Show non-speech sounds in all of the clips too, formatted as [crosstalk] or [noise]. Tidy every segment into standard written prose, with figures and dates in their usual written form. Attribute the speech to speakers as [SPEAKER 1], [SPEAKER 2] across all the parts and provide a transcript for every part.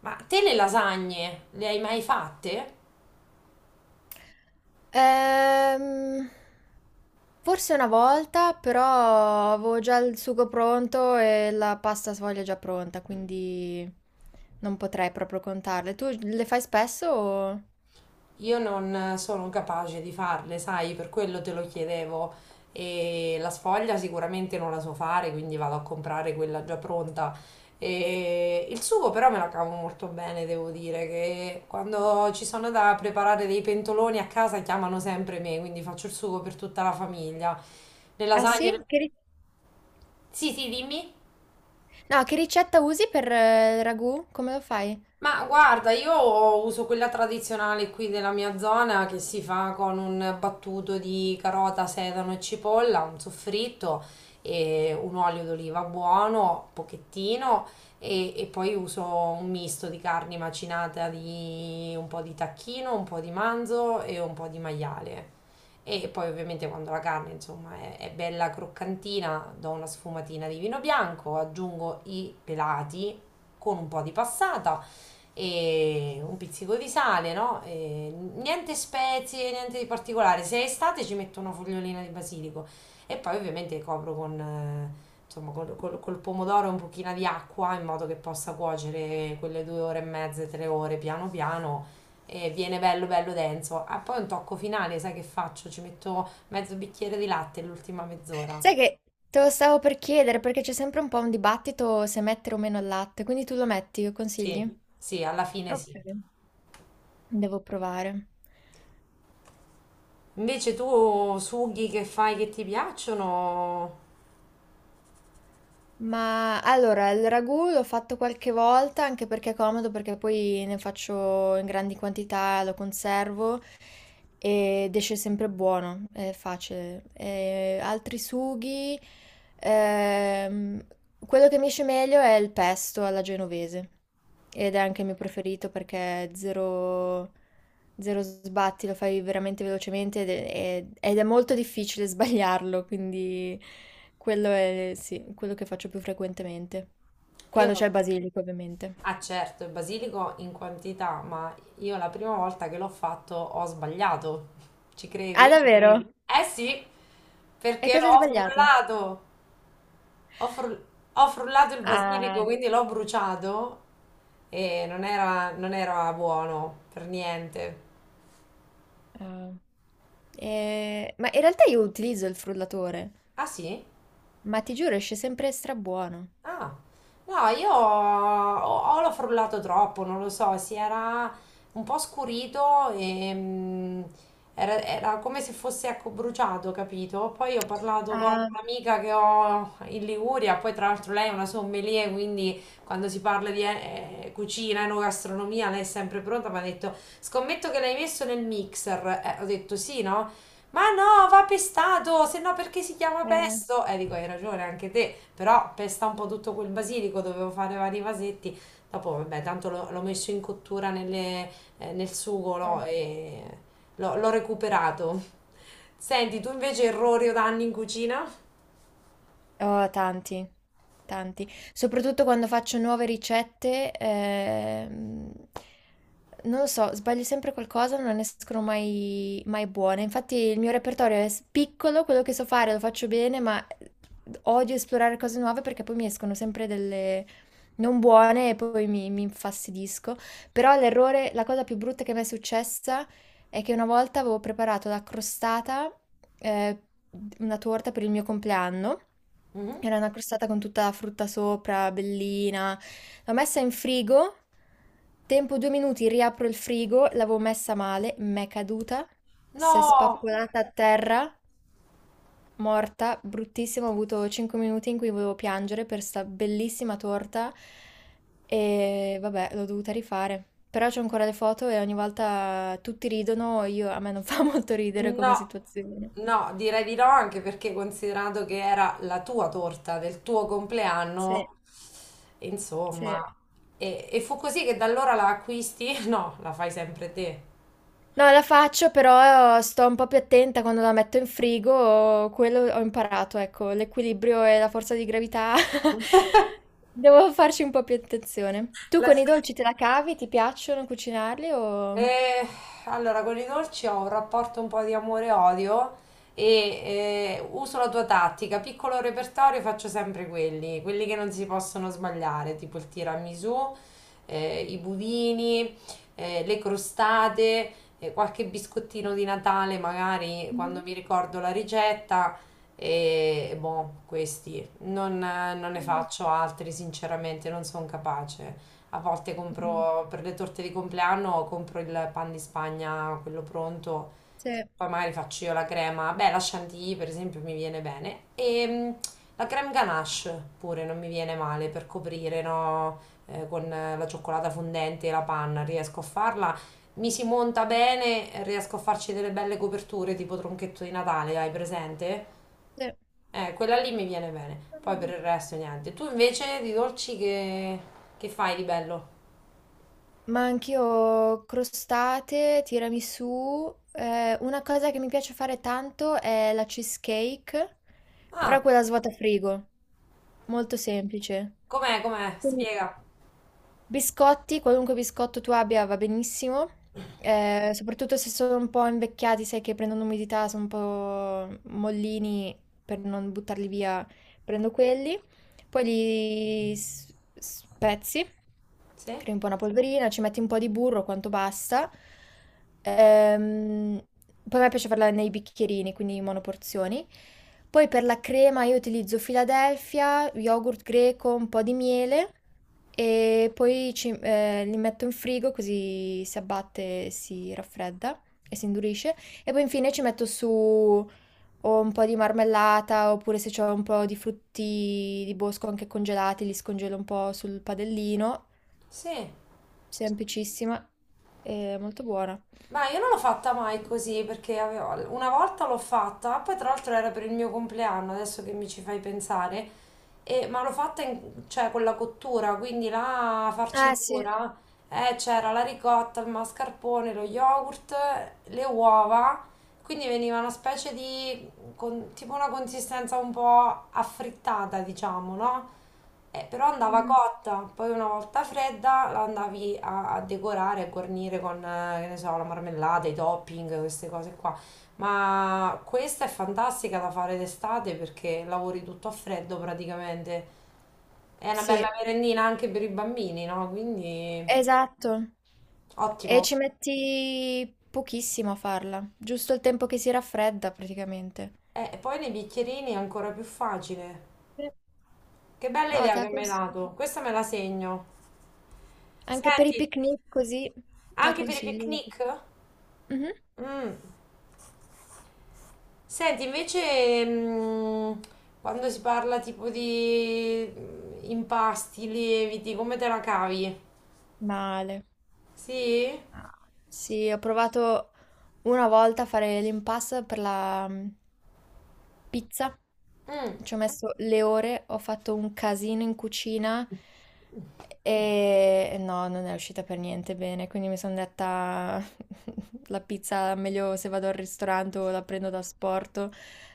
[SPEAKER 1] Ma te le lasagne le hai mai fatte?
[SPEAKER 2] Ehm, forse una volta, però avevo già il sugo pronto e la pasta sfoglia già pronta, quindi non potrei proprio contarle. Tu le fai spesso?
[SPEAKER 1] Io non sono capace di farle, sai, per quello te lo chiedevo. E la sfoglia sicuramente non la so fare, quindi vado a comprare quella già pronta. E il sugo però me la cavo molto bene, devo dire, che quando ci sono da preparare dei pentoloni a casa chiamano sempre me, quindi faccio il sugo per tutta la famiglia. Le
[SPEAKER 2] Ah sì?
[SPEAKER 1] lasagne... Sì, sì, dimmi.
[SPEAKER 2] No, che ricetta usi per il ragù? Come lo fai?
[SPEAKER 1] Ma guarda, io uso quella tradizionale qui della mia zona che si fa con un battuto di carota, sedano e cipolla, un soffritto e un olio d'oliva buono, pochettino, e poi uso un misto di carni macinata di un po' di tacchino, un po' di manzo e un po' di maiale. E poi ovviamente quando la carne, insomma, è bella croccantina, do una sfumatina di vino bianco, aggiungo i pelati con un po' di passata e un pizzico di sale, no? E niente spezie, niente di particolare. Se è estate ci metto una fogliolina di basilico e poi ovviamente copro con, insomma, col pomodoro e un pochino di acqua in modo che possa cuocere quelle due ore e mezza, tre ore piano piano. E viene bello bello denso. Ah, poi un tocco finale, sai che faccio? Ci metto mezzo bicchiere di latte l'ultima
[SPEAKER 2] Sai
[SPEAKER 1] mezz'ora.
[SPEAKER 2] che te lo stavo per chiedere perché c'è sempre un po' un dibattito se mettere o meno il latte, quindi tu lo metti, lo consigli?
[SPEAKER 1] Sì, sì, alla fine sì.
[SPEAKER 2] Ok. Devo provare.
[SPEAKER 1] Invece tu sughi che fai che ti piacciono?
[SPEAKER 2] Ma allora, il ragù l'ho fatto qualche volta anche perché è comodo, perché poi ne faccio in grandi quantità, lo conservo ed esce sempre buono, è facile. E altri sughi, ehm, quello che mi esce meglio è il pesto alla genovese ed è anche il mio preferito perché è zero, zero sbatti, lo fai veramente velocemente ed è molto difficile [laughs] sbagliarlo, quindi... Quello è, sì, quello che faccio più frequentemente.
[SPEAKER 1] Io
[SPEAKER 2] Quando
[SPEAKER 1] no.
[SPEAKER 2] c'è il basilico, ovviamente.
[SPEAKER 1] Ah certo, il basilico in quantità, ma io la prima volta che l'ho fatto ho sbagliato. Ci credi?
[SPEAKER 2] Ah, davvero? Mm.
[SPEAKER 1] Eh sì,
[SPEAKER 2] E
[SPEAKER 1] perché
[SPEAKER 2] cosa hai
[SPEAKER 1] l'ho
[SPEAKER 2] sbagliato?
[SPEAKER 1] frullato. Ho, fru- Ho frullato il basilico,
[SPEAKER 2] Ah,
[SPEAKER 1] quindi l'ho bruciato e non era buono per niente.
[SPEAKER 2] ah. Ma in realtà io utilizzo il frullatore,
[SPEAKER 1] Ah sì?
[SPEAKER 2] ma ti giuro, esce sempre strabuono.
[SPEAKER 1] Ah, no, io o l'ho frullato troppo, non lo so, si era un po' scurito e mm, era come se fosse ecco, bruciato, capito? Poi ho parlato con
[SPEAKER 2] Ah,
[SPEAKER 1] un'amica che ho in Liguria, poi tra l'altro lei è una sommelier, quindi quando si parla di cucina, enogastronomia, lei è sempre pronta, mi ha detto, scommetto che l'hai messo nel mixer. Ho detto sì, no? Ma no, va pestato, se no perché si chiama
[SPEAKER 2] eh,
[SPEAKER 1] pesto? Dico, hai ragione anche te, però pesta un po' tutto quel basilico, dovevo fare vari vasetti. Dopo, vabbè, tanto l'ho messo in cottura nel sugo,
[SPEAKER 2] eh.
[SPEAKER 1] no? E l'ho recuperato. Senti, tu invece errori o danni in cucina?
[SPEAKER 2] Oh, tanti, tanti. Soprattutto quando faccio nuove ricette, non lo so, sbaglio sempre qualcosa, non ne escono mai, mai buone. Infatti il mio repertorio è piccolo, quello che so fare lo faccio bene, ma odio esplorare cose nuove perché poi mi escono sempre delle non buone e poi mi infastidisco. Però l'errore, la cosa più brutta che mi è successa è che una volta avevo preparato la crostata, eh, una torta per il mio compleanno.
[SPEAKER 1] Mhm.
[SPEAKER 2] Era una crostata con tutta la frutta sopra, bellina. L'ho messa in frigo, tempo due minuti, riapro il frigo, l'avevo messa male, m'è caduta, si è
[SPEAKER 1] No!
[SPEAKER 2] spappolata a terra. Morta, bruttissima, ho avuto 5 minuti in cui volevo piangere per sta bellissima torta e vabbè, l'ho dovuta rifare. Però c'ho ancora le foto e ogni volta tutti ridono, io, a me non [laughs] fa molto ridere come
[SPEAKER 1] No,
[SPEAKER 2] situazione.
[SPEAKER 1] no, direi di no, anche perché considerando che era la tua torta del tuo
[SPEAKER 2] Sì,
[SPEAKER 1] compleanno,
[SPEAKER 2] sì.
[SPEAKER 1] insomma, e fu così che da allora la acquisti? [laughs] No, la fai sempre te.
[SPEAKER 2] No, la faccio, però sto un po' più attenta quando la metto in frigo, quello ho imparato, ecco, l'equilibrio e la forza di gravità. [laughs]
[SPEAKER 1] [laughs]
[SPEAKER 2] Devo farci un po' più attenzione. Tu
[SPEAKER 1] La
[SPEAKER 2] con i
[SPEAKER 1] fai.
[SPEAKER 2] dolci te la cavi? Ti piacciono cucinarli o...
[SPEAKER 1] Eh, allora, con i dolci ho un rapporto un po' di amore-odio e odio e uso la tua tattica. Piccolo repertorio faccio sempre quelli, quelli che non si possono sbagliare, tipo il tiramisù, i budini, le crostate, qualche biscottino di Natale, magari quando
[SPEAKER 2] Mh-mh.
[SPEAKER 1] mi ricordo la ricetta. E boh, questi non, non ne
[SPEAKER 2] Mh.
[SPEAKER 1] faccio altri, sinceramente, non sono capace. A volte
[SPEAKER 2] Mh.
[SPEAKER 1] compro per le torte di compleanno, compro il pan di Spagna, quello pronto,
[SPEAKER 2] Sì,
[SPEAKER 1] poi magari faccio io la crema. Beh, la chantilly per esempio mi viene bene. E mm, la creme ganache pure non mi viene male per coprire, no? Con la cioccolata fondente e la panna, riesco a farla. Mi si monta bene, riesco a farci delle belle coperture tipo tronchetto di Natale, hai presente?
[SPEAKER 2] sì.
[SPEAKER 1] Quella lì mi viene bene. Poi
[SPEAKER 2] Mh.
[SPEAKER 1] per il resto niente. Tu invece di che fai di bello?
[SPEAKER 2] Ma anch'io crostate, tiramisù. Una cosa che mi piace fare tanto è la cheesecake,
[SPEAKER 1] Ah,
[SPEAKER 2] però quella svuota frigo, molto semplice.
[SPEAKER 1] com'è, com'è?
[SPEAKER 2] Quindi
[SPEAKER 1] Spiega.
[SPEAKER 2] biscotti, qualunque biscotto tu abbia va benissimo, soprattutto se sono un po' invecchiati, sai che prendono umidità, sono un po' mollini, per non buttarli via prendo quelli. Poi spezzi,
[SPEAKER 1] Sì?
[SPEAKER 2] crei un po' una polverina, ci metti un po' di burro, quanto basta. Ehm, poi a me piace farla nei bicchierini, quindi in monoporzioni. Poi per la crema io utilizzo Philadelphia, yogurt greco, un po' di miele e poi li metto in frigo così si abbatte, si raffredda e si indurisce. E poi infine ci metto su o un po' di marmellata, oppure se c'ho un po' di frutti di bosco anche congelati, li scongelo un po' sul padellino,
[SPEAKER 1] Sì.
[SPEAKER 2] semplicissima e molto buona.
[SPEAKER 1] Ma io non l'ho fatta mai così perché avevo- una volta l'ho fatta, poi tra l'altro era per il mio compleanno, adesso che mi ci fai pensare, ma l'ho cioè, con la cottura, quindi la
[SPEAKER 2] Ah sì,
[SPEAKER 1] farcitura, c'era la ricotta, il mascarpone, lo yogurt, le uova, quindi veniva con- tipo una consistenza un po' affrittata, diciamo, no? Però andava
[SPEAKER 2] Mm,
[SPEAKER 1] cotta, poi una volta fredda la andavi a decorare, a guarnire con, che ne so, la marmellata, i topping, queste cose qua. Ma questa è fantastica da fare d'estate perché lavori tutto a freddo praticamente. È una bella
[SPEAKER 2] sì,
[SPEAKER 1] merendina anche per i bambini, no? Quindi
[SPEAKER 2] esatto.
[SPEAKER 1] ottimo.
[SPEAKER 2] E ci metti pochissimo a farla, giusto il tempo che si raffredda praticamente.
[SPEAKER 1] E poi nei bicchierini è ancora più facile.
[SPEAKER 2] Sì.
[SPEAKER 1] Che bella
[SPEAKER 2] No,
[SPEAKER 1] idea
[SPEAKER 2] te la
[SPEAKER 1] che mi hai
[SPEAKER 2] consiglio.
[SPEAKER 1] dato. Questa me la segno.
[SPEAKER 2] Anche per i
[SPEAKER 1] Senti,
[SPEAKER 2] picnic così la
[SPEAKER 1] anche per i
[SPEAKER 2] consiglio.
[SPEAKER 1] picnic?
[SPEAKER 2] Mhm.
[SPEAKER 1] Mm. Senti, invece, quando si parla tipo di impasti, lieviti, come te la cavi?
[SPEAKER 2] Male.
[SPEAKER 1] Sì?
[SPEAKER 2] Ah, sì, ho provato una volta fare l'impasse per la pizza,
[SPEAKER 1] Mm.
[SPEAKER 2] ci ho messo le ore, ho fatto un casino in cucina e no, non è uscita per niente bene, quindi mi sono detta [laughs] la pizza meglio se vado al ristorante o la prendo da sporto,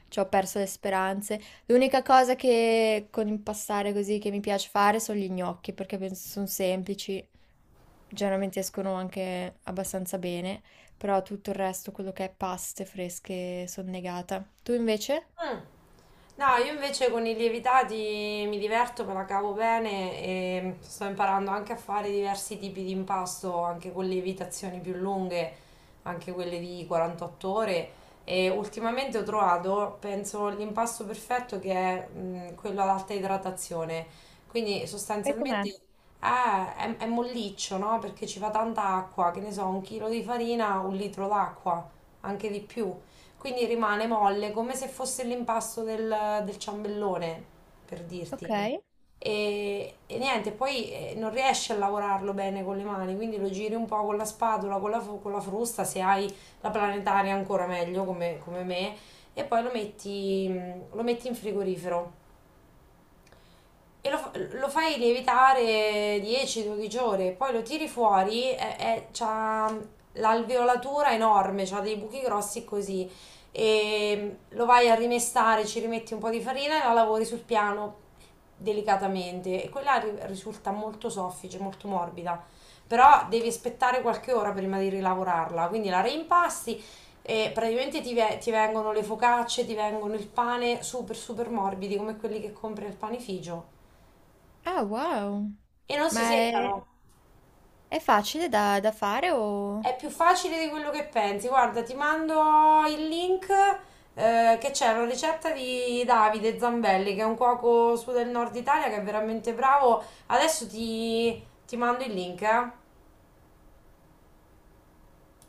[SPEAKER 2] ci ho perso le speranze. L'unica cosa che con impastare così che mi piace fare sono gli gnocchi perché penso sono semplici, generalmente escono anche abbastanza bene però tutto il resto, quello che è paste fresche, sono negata. Tu invece?
[SPEAKER 1] Mm. No, io invece con i lievitati mi diverto, me la cavo bene e sto imparando anche a fare diversi tipi di impasto, anche con lievitazioni più lunghe, anche quelle di 48 ore. E ultimamente ho trovato, penso, l'impasto perfetto che è quello ad alta idratazione. Quindi
[SPEAKER 2] E com'è?
[SPEAKER 1] sostanzialmente è molliccio, no? Perché ci va tanta acqua, che ne so, un chilo di farina, un litro d'acqua, anche di più. Quindi rimane molle come se fosse l'impasto del ciambellone, per
[SPEAKER 2] Ok.
[SPEAKER 1] dirti. E niente, poi non riesci a lavorarlo bene con le mani, quindi lo giri un po' con la spatola, con con la frusta, se hai la planetaria ancora meglio come me, e poi lo metti in frigorifero. E lo, lo fai lievitare 10-12 ore, poi lo tiri fuori e c'ha l'alveolatura enorme, c'ha dei buchi grossi così. E lo vai a rimestare, ci rimetti un po' di farina e la lavori sul piano delicatamente. E quella risulta molto soffice, molto morbida. Però devi aspettare qualche ora prima di rilavorarla. Quindi la reimpasti e praticamente ti vengono le focacce, ti vengono il pane super super morbidi come quelli che compri al panificio
[SPEAKER 2] Ah, wow.
[SPEAKER 1] e non
[SPEAKER 2] Ma
[SPEAKER 1] si
[SPEAKER 2] è,
[SPEAKER 1] seccano.
[SPEAKER 2] è facile da, da fare o...
[SPEAKER 1] È più facile di quello che pensi. Guarda, ti mando il link che c'è una ricetta di Davide Zambelli, che è un cuoco su del nord Italia che è veramente bravo. Adesso ti mando il link, eh.